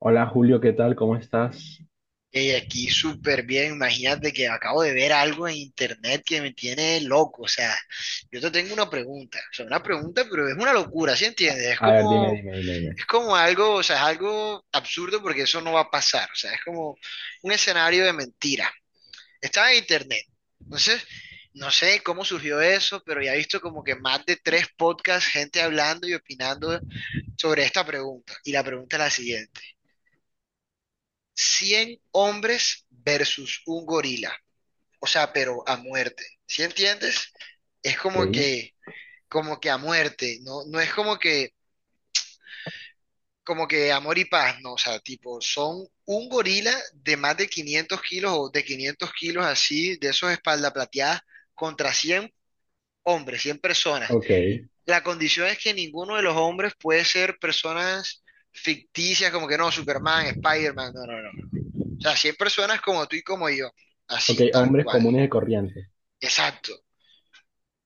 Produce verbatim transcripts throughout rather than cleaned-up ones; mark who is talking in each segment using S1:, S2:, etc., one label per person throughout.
S1: Hola, Julio, ¿qué tal? ¿Cómo estás?
S2: Eh, aquí súper bien, imagínate que acabo de ver algo en internet que me tiene loco, o sea, yo te tengo una pregunta, o sea, una pregunta, pero es una locura, ¿sí
S1: A,
S2: entiendes? Es
S1: a ver, dime,
S2: como,
S1: dime, dime, dime.
S2: es como algo, o sea, es algo absurdo porque eso no va a pasar, o sea, es como un escenario de mentira. Estaba en internet, entonces, no sé cómo surgió eso, pero ya he visto como que más de tres podcasts, gente hablando y opinando sobre esta pregunta, y la pregunta es la siguiente. Cien hombres versus un gorila, o sea, pero a muerte. ¿Sí entiendes? Es como
S1: Ok,
S2: que, como que a muerte, no, no es como que, como que amor y paz, no, o sea, tipo, son un gorila de más de quinientos kilos o de quinientos kilos así, de esos espalda plateadas, contra cien hombres, cien personas.
S1: ok,
S2: La condición es que ninguno de los hombres puede ser personas ficticias, como que no, Superman, Spider-Man, no, no, no. O sea, cien personas como tú y como yo,
S1: ok,
S2: así, tal
S1: hombres
S2: cual.
S1: comunes y corrientes.
S2: Exacto.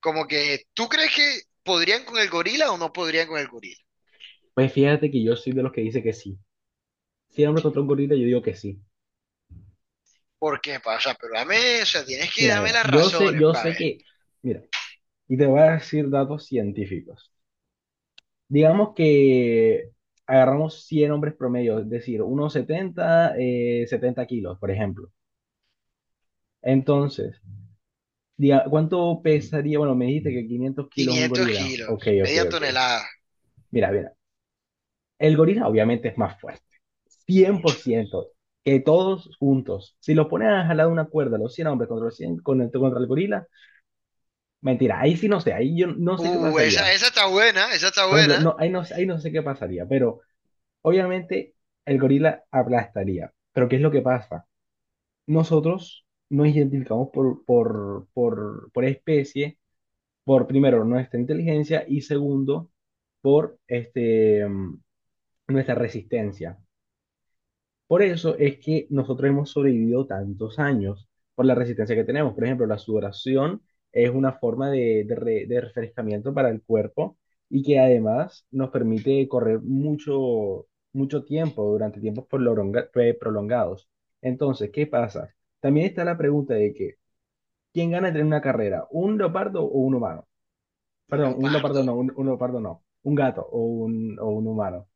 S2: Como que, ¿tú crees que podrían con el gorila o no podrían con el gorila?
S1: Pues fíjate que yo soy de los que dice que sí. Si el hombre encontró un gordito, yo digo que sí.
S2: ¿Por qué, pa? O sea, pero dame, o sea, tienes que
S1: Mira,
S2: darme
S1: mira,
S2: las
S1: yo sé,
S2: razones,
S1: yo
S2: pa,
S1: sé
S2: ver.
S1: que, mira, y te voy a decir datos científicos. Digamos que agarramos cien hombres promedio, es decir, unos setenta, eh, setenta kilos, por ejemplo. Entonces, diga, ¿cuánto pesaría? Bueno, me dijiste que quinientos kilos un
S2: quinientos
S1: gorila. Ok,
S2: kilos,
S1: ok,
S2: media
S1: ok.
S2: tonelada,
S1: Mira, mira. El gorila obviamente es más fuerte, cien por
S2: mucho.
S1: ciento que todos juntos. Si los ponen a jalar una cuerda, los cien hombres contra, los cien, con el, contra el gorila, mentira, ahí sí no sé, ahí yo no sé qué
S2: Uh, esa,
S1: pasaría.
S2: esa está buena, esa está
S1: Por ejemplo,
S2: buena.
S1: no, ahí, no, ahí no sé qué pasaría, pero obviamente el gorila aplastaría. Pero ¿qué es lo que pasa? Nosotros nos identificamos por, por, por, por especie, por primero nuestra inteligencia y segundo por este, mm, nuestra resistencia. Por eso es que nosotros hemos sobrevivido tantos años por la resistencia que tenemos. Por ejemplo, la sudoración es una forma de, de re- de refrescamiento para el cuerpo y que además nos permite correr mucho, mucho tiempo durante tiempos prolonga- eh, prolongados. Entonces, ¿qué pasa? También está la pregunta de que ¿quién gana en una carrera? ¿Un leopardo o un humano?
S2: Un
S1: Perdón, un leopardo no,
S2: leopardo.
S1: un, un leopardo no, un gato o un, o un humano.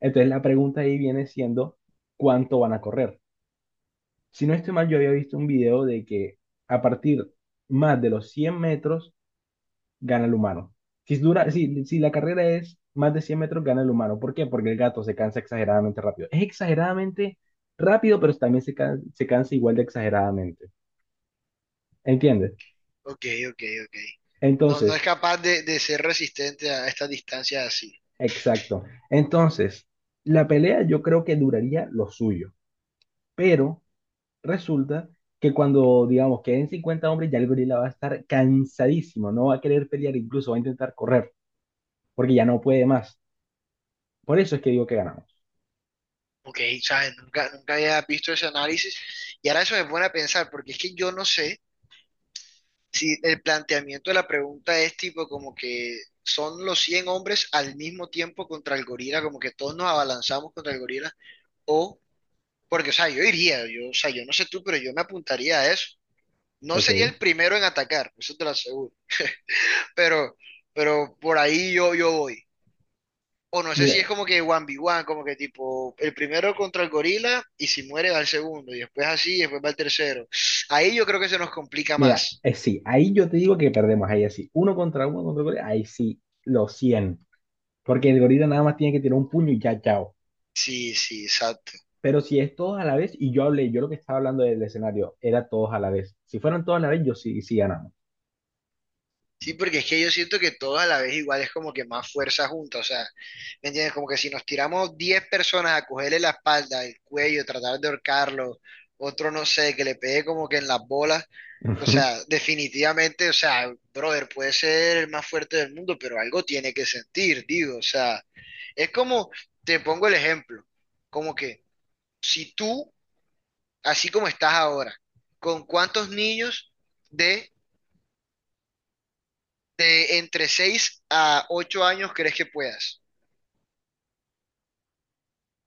S1: Entonces la pregunta ahí viene siendo ¿cuánto van a correr? Si no estoy mal, yo había visto un video de que a partir más de los cien metros gana el humano. Si dura, si, si la carrera es más de cien metros, gana el humano. ¿Por qué? Porque el gato se cansa exageradamente rápido. Es exageradamente rápido, pero también se, can- se cansa igual de exageradamente. ¿Entiendes?
S2: Ok, ok, ok. No, no es
S1: Entonces,
S2: capaz de, de ser resistente a estas distancias así.
S1: exacto. Entonces, la pelea yo creo que duraría lo suyo, pero resulta que cuando, digamos, queden cincuenta hombres, ya el gorila va a estar cansadísimo, no va a querer pelear, incluso va a intentar correr, porque ya no puede más. Por eso es que digo que ganamos.
S2: Ok, ¿sabes? Nunca, nunca había visto ese análisis. Y ahora eso me pone a pensar, porque es que yo no sé. Sí, el planteamiento de la pregunta es tipo como que son los cien hombres al mismo tiempo contra el gorila, como que todos nos abalanzamos contra el gorila, o, porque, o sea, yo iría, yo, o sea, yo no sé tú, pero yo me apuntaría a eso. No
S1: Ok.
S2: sería el primero en atacar, eso te lo aseguro, pero, pero por ahí yo, yo voy. O no sé si es
S1: Mira,
S2: como que uno contra uno, como que tipo, el primero contra el gorila y si muere va el segundo, y después así, y después va el tercero. Ahí yo creo que se nos complica
S1: mira,
S2: más.
S1: eh, sí, ahí yo te digo que perdemos, ahí así, uno contra uno contra el gorila, ahí sí, los cien, porque el gorila nada más tiene que tirar un puño y ya, chao.
S2: Sí, sí, exacto.
S1: Pero si es todos a la vez, y yo hablé, yo lo que estaba hablando del escenario, era todos a la vez. Si fueran todos a la vez, yo sí, sí ganamos.
S2: Sí, porque es que yo siento que todos a la vez igual es como que más fuerza junta, o sea, ¿me entiendes? Como que si nos tiramos diez personas a cogerle la espalda, el cuello, tratar de ahorcarlo, otro no sé, que le pegue como que en las bolas, o sea, definitivamente, o sea, brother, puede ser el más fuerte del mundo, pero algo tiene que sentir, digo, o sea, es como, te pongo el ejemplo, como que si tú, así como estás ahora, ¿con cuántos niños de de entre seis a ocho años crees que puedas?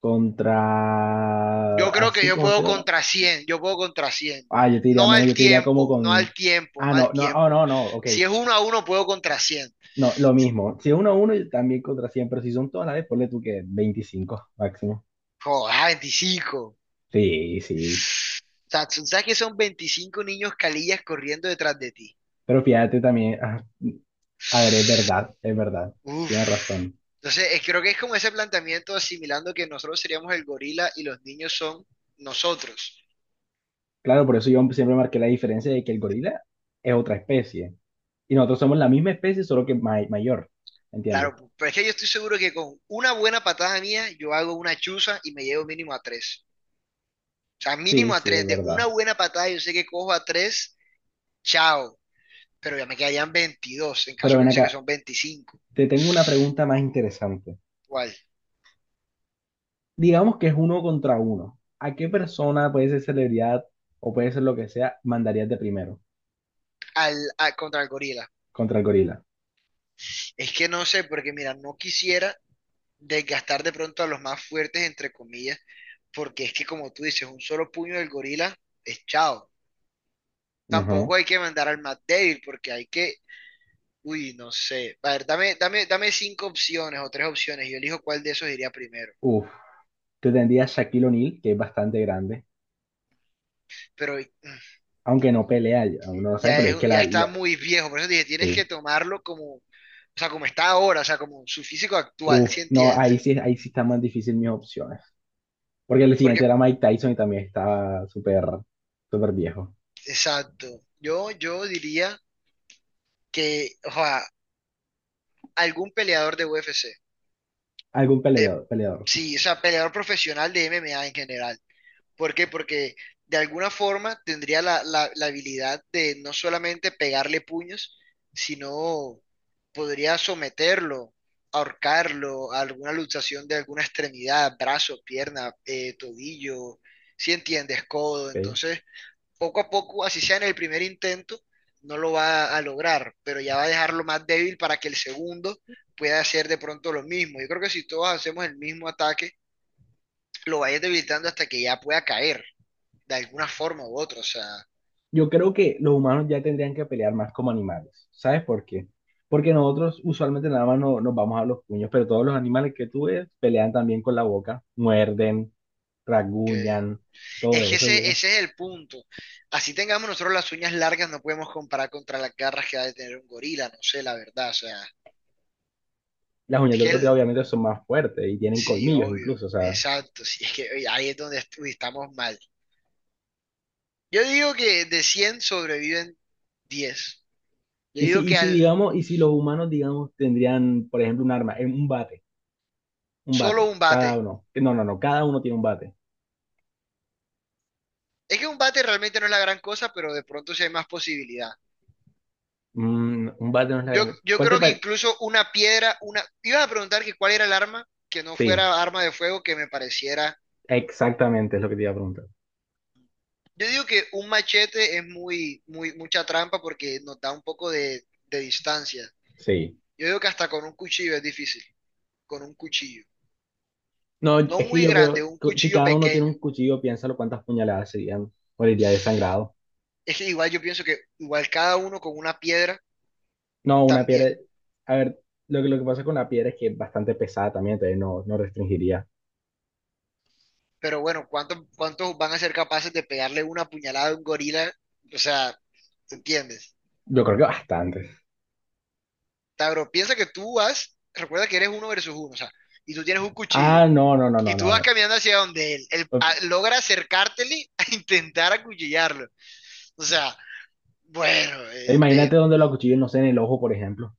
S1: Contra,
S2: Yo creo que
S1: así
S2: yo
S1: como
S2: puedo
S1: estoy ahora.
S2: contra cien, yo puedo contra cien.
S1: Ah, yo te diría
S2: No
S1: menos,
S2: al
S1: yo te diría como
S2: tiempo, no al
S1: con...
S2: tiempo,
S1: Ah,
S2: no al
S1: no, no, oh,
S2: tiempo.
S1: no, no, ok.
S2: Si es uno a uno, puedo contra cien.
S1: No, lo mismo. Si es uno a uno, yo también contra cien, pero si son todas las de, ponle tú que veinticinco máximo.
S2: Joder, veinticinco. O
S1: Sí, sí.
S2: sea, tú sabes que son veinticinco niños calillas corriendo detrás de ti.
S1: Pero fíjate también, ah, a ver, es verdad, es verdad. Tienes
S2: Uf.
S1: razón.
S2: Entonces, eh, creo que es como ese planteamiento asimilando que nosotros seríamos el gorila y los niños son nosotros.
S1: Claro, por eso yo siempre marqué la diferencia de que el gorila es otra especie. Y nosotros somos la misma especie, solo que may- mayor. ¿Entiendes?
S2: Claro, pero es que yo estoy seguro que con una buena patada mía, yo hago una chuza y me llevo mínimo a tres. O sea,
S1: Sí,
S2: mínimo a
S1: sí, es
S2: tres. De una
S1: verdad.
S2: buena patada, yo sé que cojo a tres, chao. Pero ya me quedarían veintidós en caso
S1: Pero
S2: que
S1: ven
S2: dice que
S1: acá,
S2: son veinticinco.
S1: te tengo una pregunta más interesante.
S2: ¿Cuál?
S1: Digamos que es uno contra uno. ¿A qué persona, puede ser celebridad o puede ser lo que sea, mandarías de primero
S2: Al, a- contra el gorila.
S1: contra el gorila?
S2: Es que no sé, porque mira, no quisiera desgastar de pronto a los más fuertes, entre comillas, porque es que como tú dices, un solo puño del gorila es chao.
S1: Ajá.
S2: Tampoco hay que mandar al más débil, porque hay que... Uy, no sé. A ver, dame, dame, dame cinco opciones o tres opciones y yo elijo cuál de esos iría primero.
S1: Uf, tú tendrías Shaquille O'Neal, que es bastante grande,
S2: Pero
S1: aunque no pelea, ya uno no sabe,
S2: ya
S1: pero es
S2: es,
S1: que
S2: ya
S1: la,
S2: está
S1: la-
S2: muy viejo, por eso dije, tienes que
S1: sí.
S2: tomarlo como, o sea, como está ahora, o sea, como su físico actual,
S1: Uf,
S2: ¿sí
S1: no,
S2: entiendes?
S1: ahí sí, ahí sí están más difíciles mis opciones. Porque el
S2: Porque,
S1: siguiente era Mike Tyson y también está súper, súper viejo.
S2: exacto. Yo, yo diría que, o sea, algún peleador de U F C,
S1: Algún
S2: de,
S1: peleador, peleador.
S2: sí, o sea, peleador profesional de M M A en general. ¿Por qué? Porque de alguna forma tendría la, la- la habilidad de no solamente pegarle puños, sino podría someterlo, ahorcarlo a alguna luxación de alguna extremidad, brazo, pierna, eh, tobillo, si entiendes, codo.
S1: Ok.
S2: Entonces, poco a poco, así sea en el primer intento, no lo va a lograr, pero ya va a dejarlo más débil para que el segundo pueda hacer de pronto lo mismo. Yo creo que si todos hacemos el mismo ataque, lo vayas debilitando hasta que ya pueda caer de alguna forma u otra, o sea,
S1: Yo creo que los humanos ya tendrían que pelear más como animales. ¿Sabes por qué? Porque nosotros usualmente nada más no, nos vamos a los puños, pero todos los animales que tú ves pelean también con la boca, muerden,
S2: que
S1: rasguñan, todo
S2: es que
S1: eso.
S2: ese,
S1: Yo.
S2: ese es el punto. Así tengamos nosotros las uñas largas, no podemos comparar contra las garras que ha de tener un gorila, no sé, la verdad, o sea,
S1: Las uñas
S2: es
S1: del
S2: que el,
S1: cocodrilo obviamente son más fuertes y tienen
S2: sí,
S1: colmillos
S2: obvio,
S1: incluso, o sea,
S2: exacto, sí, es que oye, ahí es donde est- uy, estamos mal. Yo digo que de cien sobreviven diez. Yo
S1: y
S2: digo
S1: si, y
S2: que
S1: si
S2: al
S1: digamos, y si los humanos, digamos, tendrían, por ejemplo, un arma, eh, un bate, un
S2: solo
S1: bate,
S2: un
S1: cada
S2: bate,
S1: uno, eh, no, no, no, cada uno tiene un bate.
S2: es que un bate realmente no es la gran cosa, pero de pronto sí hay más posibilidad.
S1: Mm, un bate no es la
S2: Yo,
S1: gran,
S2: yo
S1: ¿cuál te
S2: creo que
S1: parece?
S2: incluso una piedra, una... Ibas a preguntar que cuál era el arma que no
S1: Sí,
S2: fuera arma de fuego que me pareciera...
S1: exactamente es lo que te iba a preguntar,
S2: Yo digo que un machete es muy, muy, mucha trampa porque nos da un poco de, de distancia.
S1: sí,
S2: Yo digo que hasta con un cuchillo es difícil, con un cuchillo.
S1: no, es
S2: No
S1: que
S2: muy
S1: yo
S2: grande,
S1: creo,
S2: un
S1: cu- si
S2: cuchillo
S1: cada uno tiene un
S2: pequeño.
S1: cuchillo, piénsalo cuántas puñaladas serían, moriría desangrado,
S2: Es que igual yo pienso que igual cada uno con una piedra
S1: no, una piedra,
S2: también.
S1: a ver, lo que, lo que pasa con la piedra es que es bastante pesada también, entonces no, no restringiría,
S2: Pero bueno, ¿cuántos, ¿cuántos van a ser capaces de pegarle una puñalada a un gorila? O sea, ¿te entiendes?
S1: yo creo que bastante.
S2: Tabro, piensa que tú vas, recuerda que eres uno versus uno, o sea, y tú tienes un cuchillo,
S1: Ah, no, no, no,
S2: y
S1: no,
S2: tú vas
S1: no.
S2: caminando hacia donde él, él a- logra acercártele a intentar acuchillarlo. O sea, bueno,
S1: Eh,
S2: eh, eh,
S1: imagínate donde lo acuchillan, no sé, en el ojo, por ejemplo.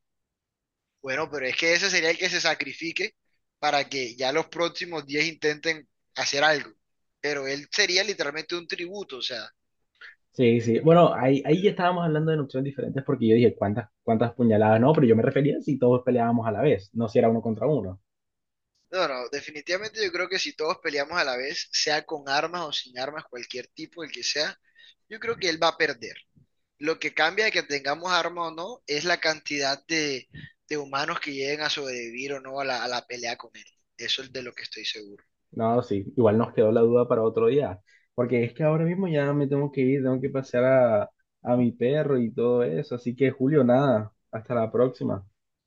S2: bueno, pero es que ese sería el que se sacrifique para que ya los próximos diez intenten hacer algo. Pero él sería literalmente un tributo, o sea,
S1: Sí, sí. Bueno, ahí, ahí ya estábamos hablando de opciones diferentes porque yo dije ¿cuántas, cuántas puñaladas? No, pero yo me refería a si todos peleábamos a la vez, no si era uno contra uno.
S2: no, no, definitivamente yo creo que si todos peleamos a la vez, sea con armas o sin armas, cualquier tipo, el que sea, yo creo que él va a perder. Lo que cambia de que tengamos armas o no es la cantidad de, de humanos que lleguen a sobrevivir o no a la, a la pelea con él. Eso es de lo que estoy seguro.
S1: No, sí. Igual nos quedó la duda para otro día. Porque es que ahora mismo ya me tengo que ir, tengo que pasear a, a mi perro y todo eso. Así que, Julio, nada. Hasta la próxima.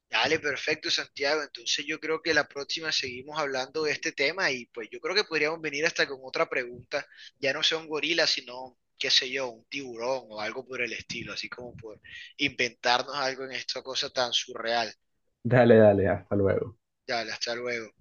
S2: Dale, perfecto, Santiago. Entonces yo creo que la próxima seguimos hablando de este tema y pues yo creo que podríamos venir hasta con otra pregunta. Ya no sea un gorila, sino, qué sé yo, un tiburón o algo por el estilo, así como por inventarnos algo en esta cosa tan surreal.
S1: Dale, dale, hasta luego.
S2: Dale, hasta luego.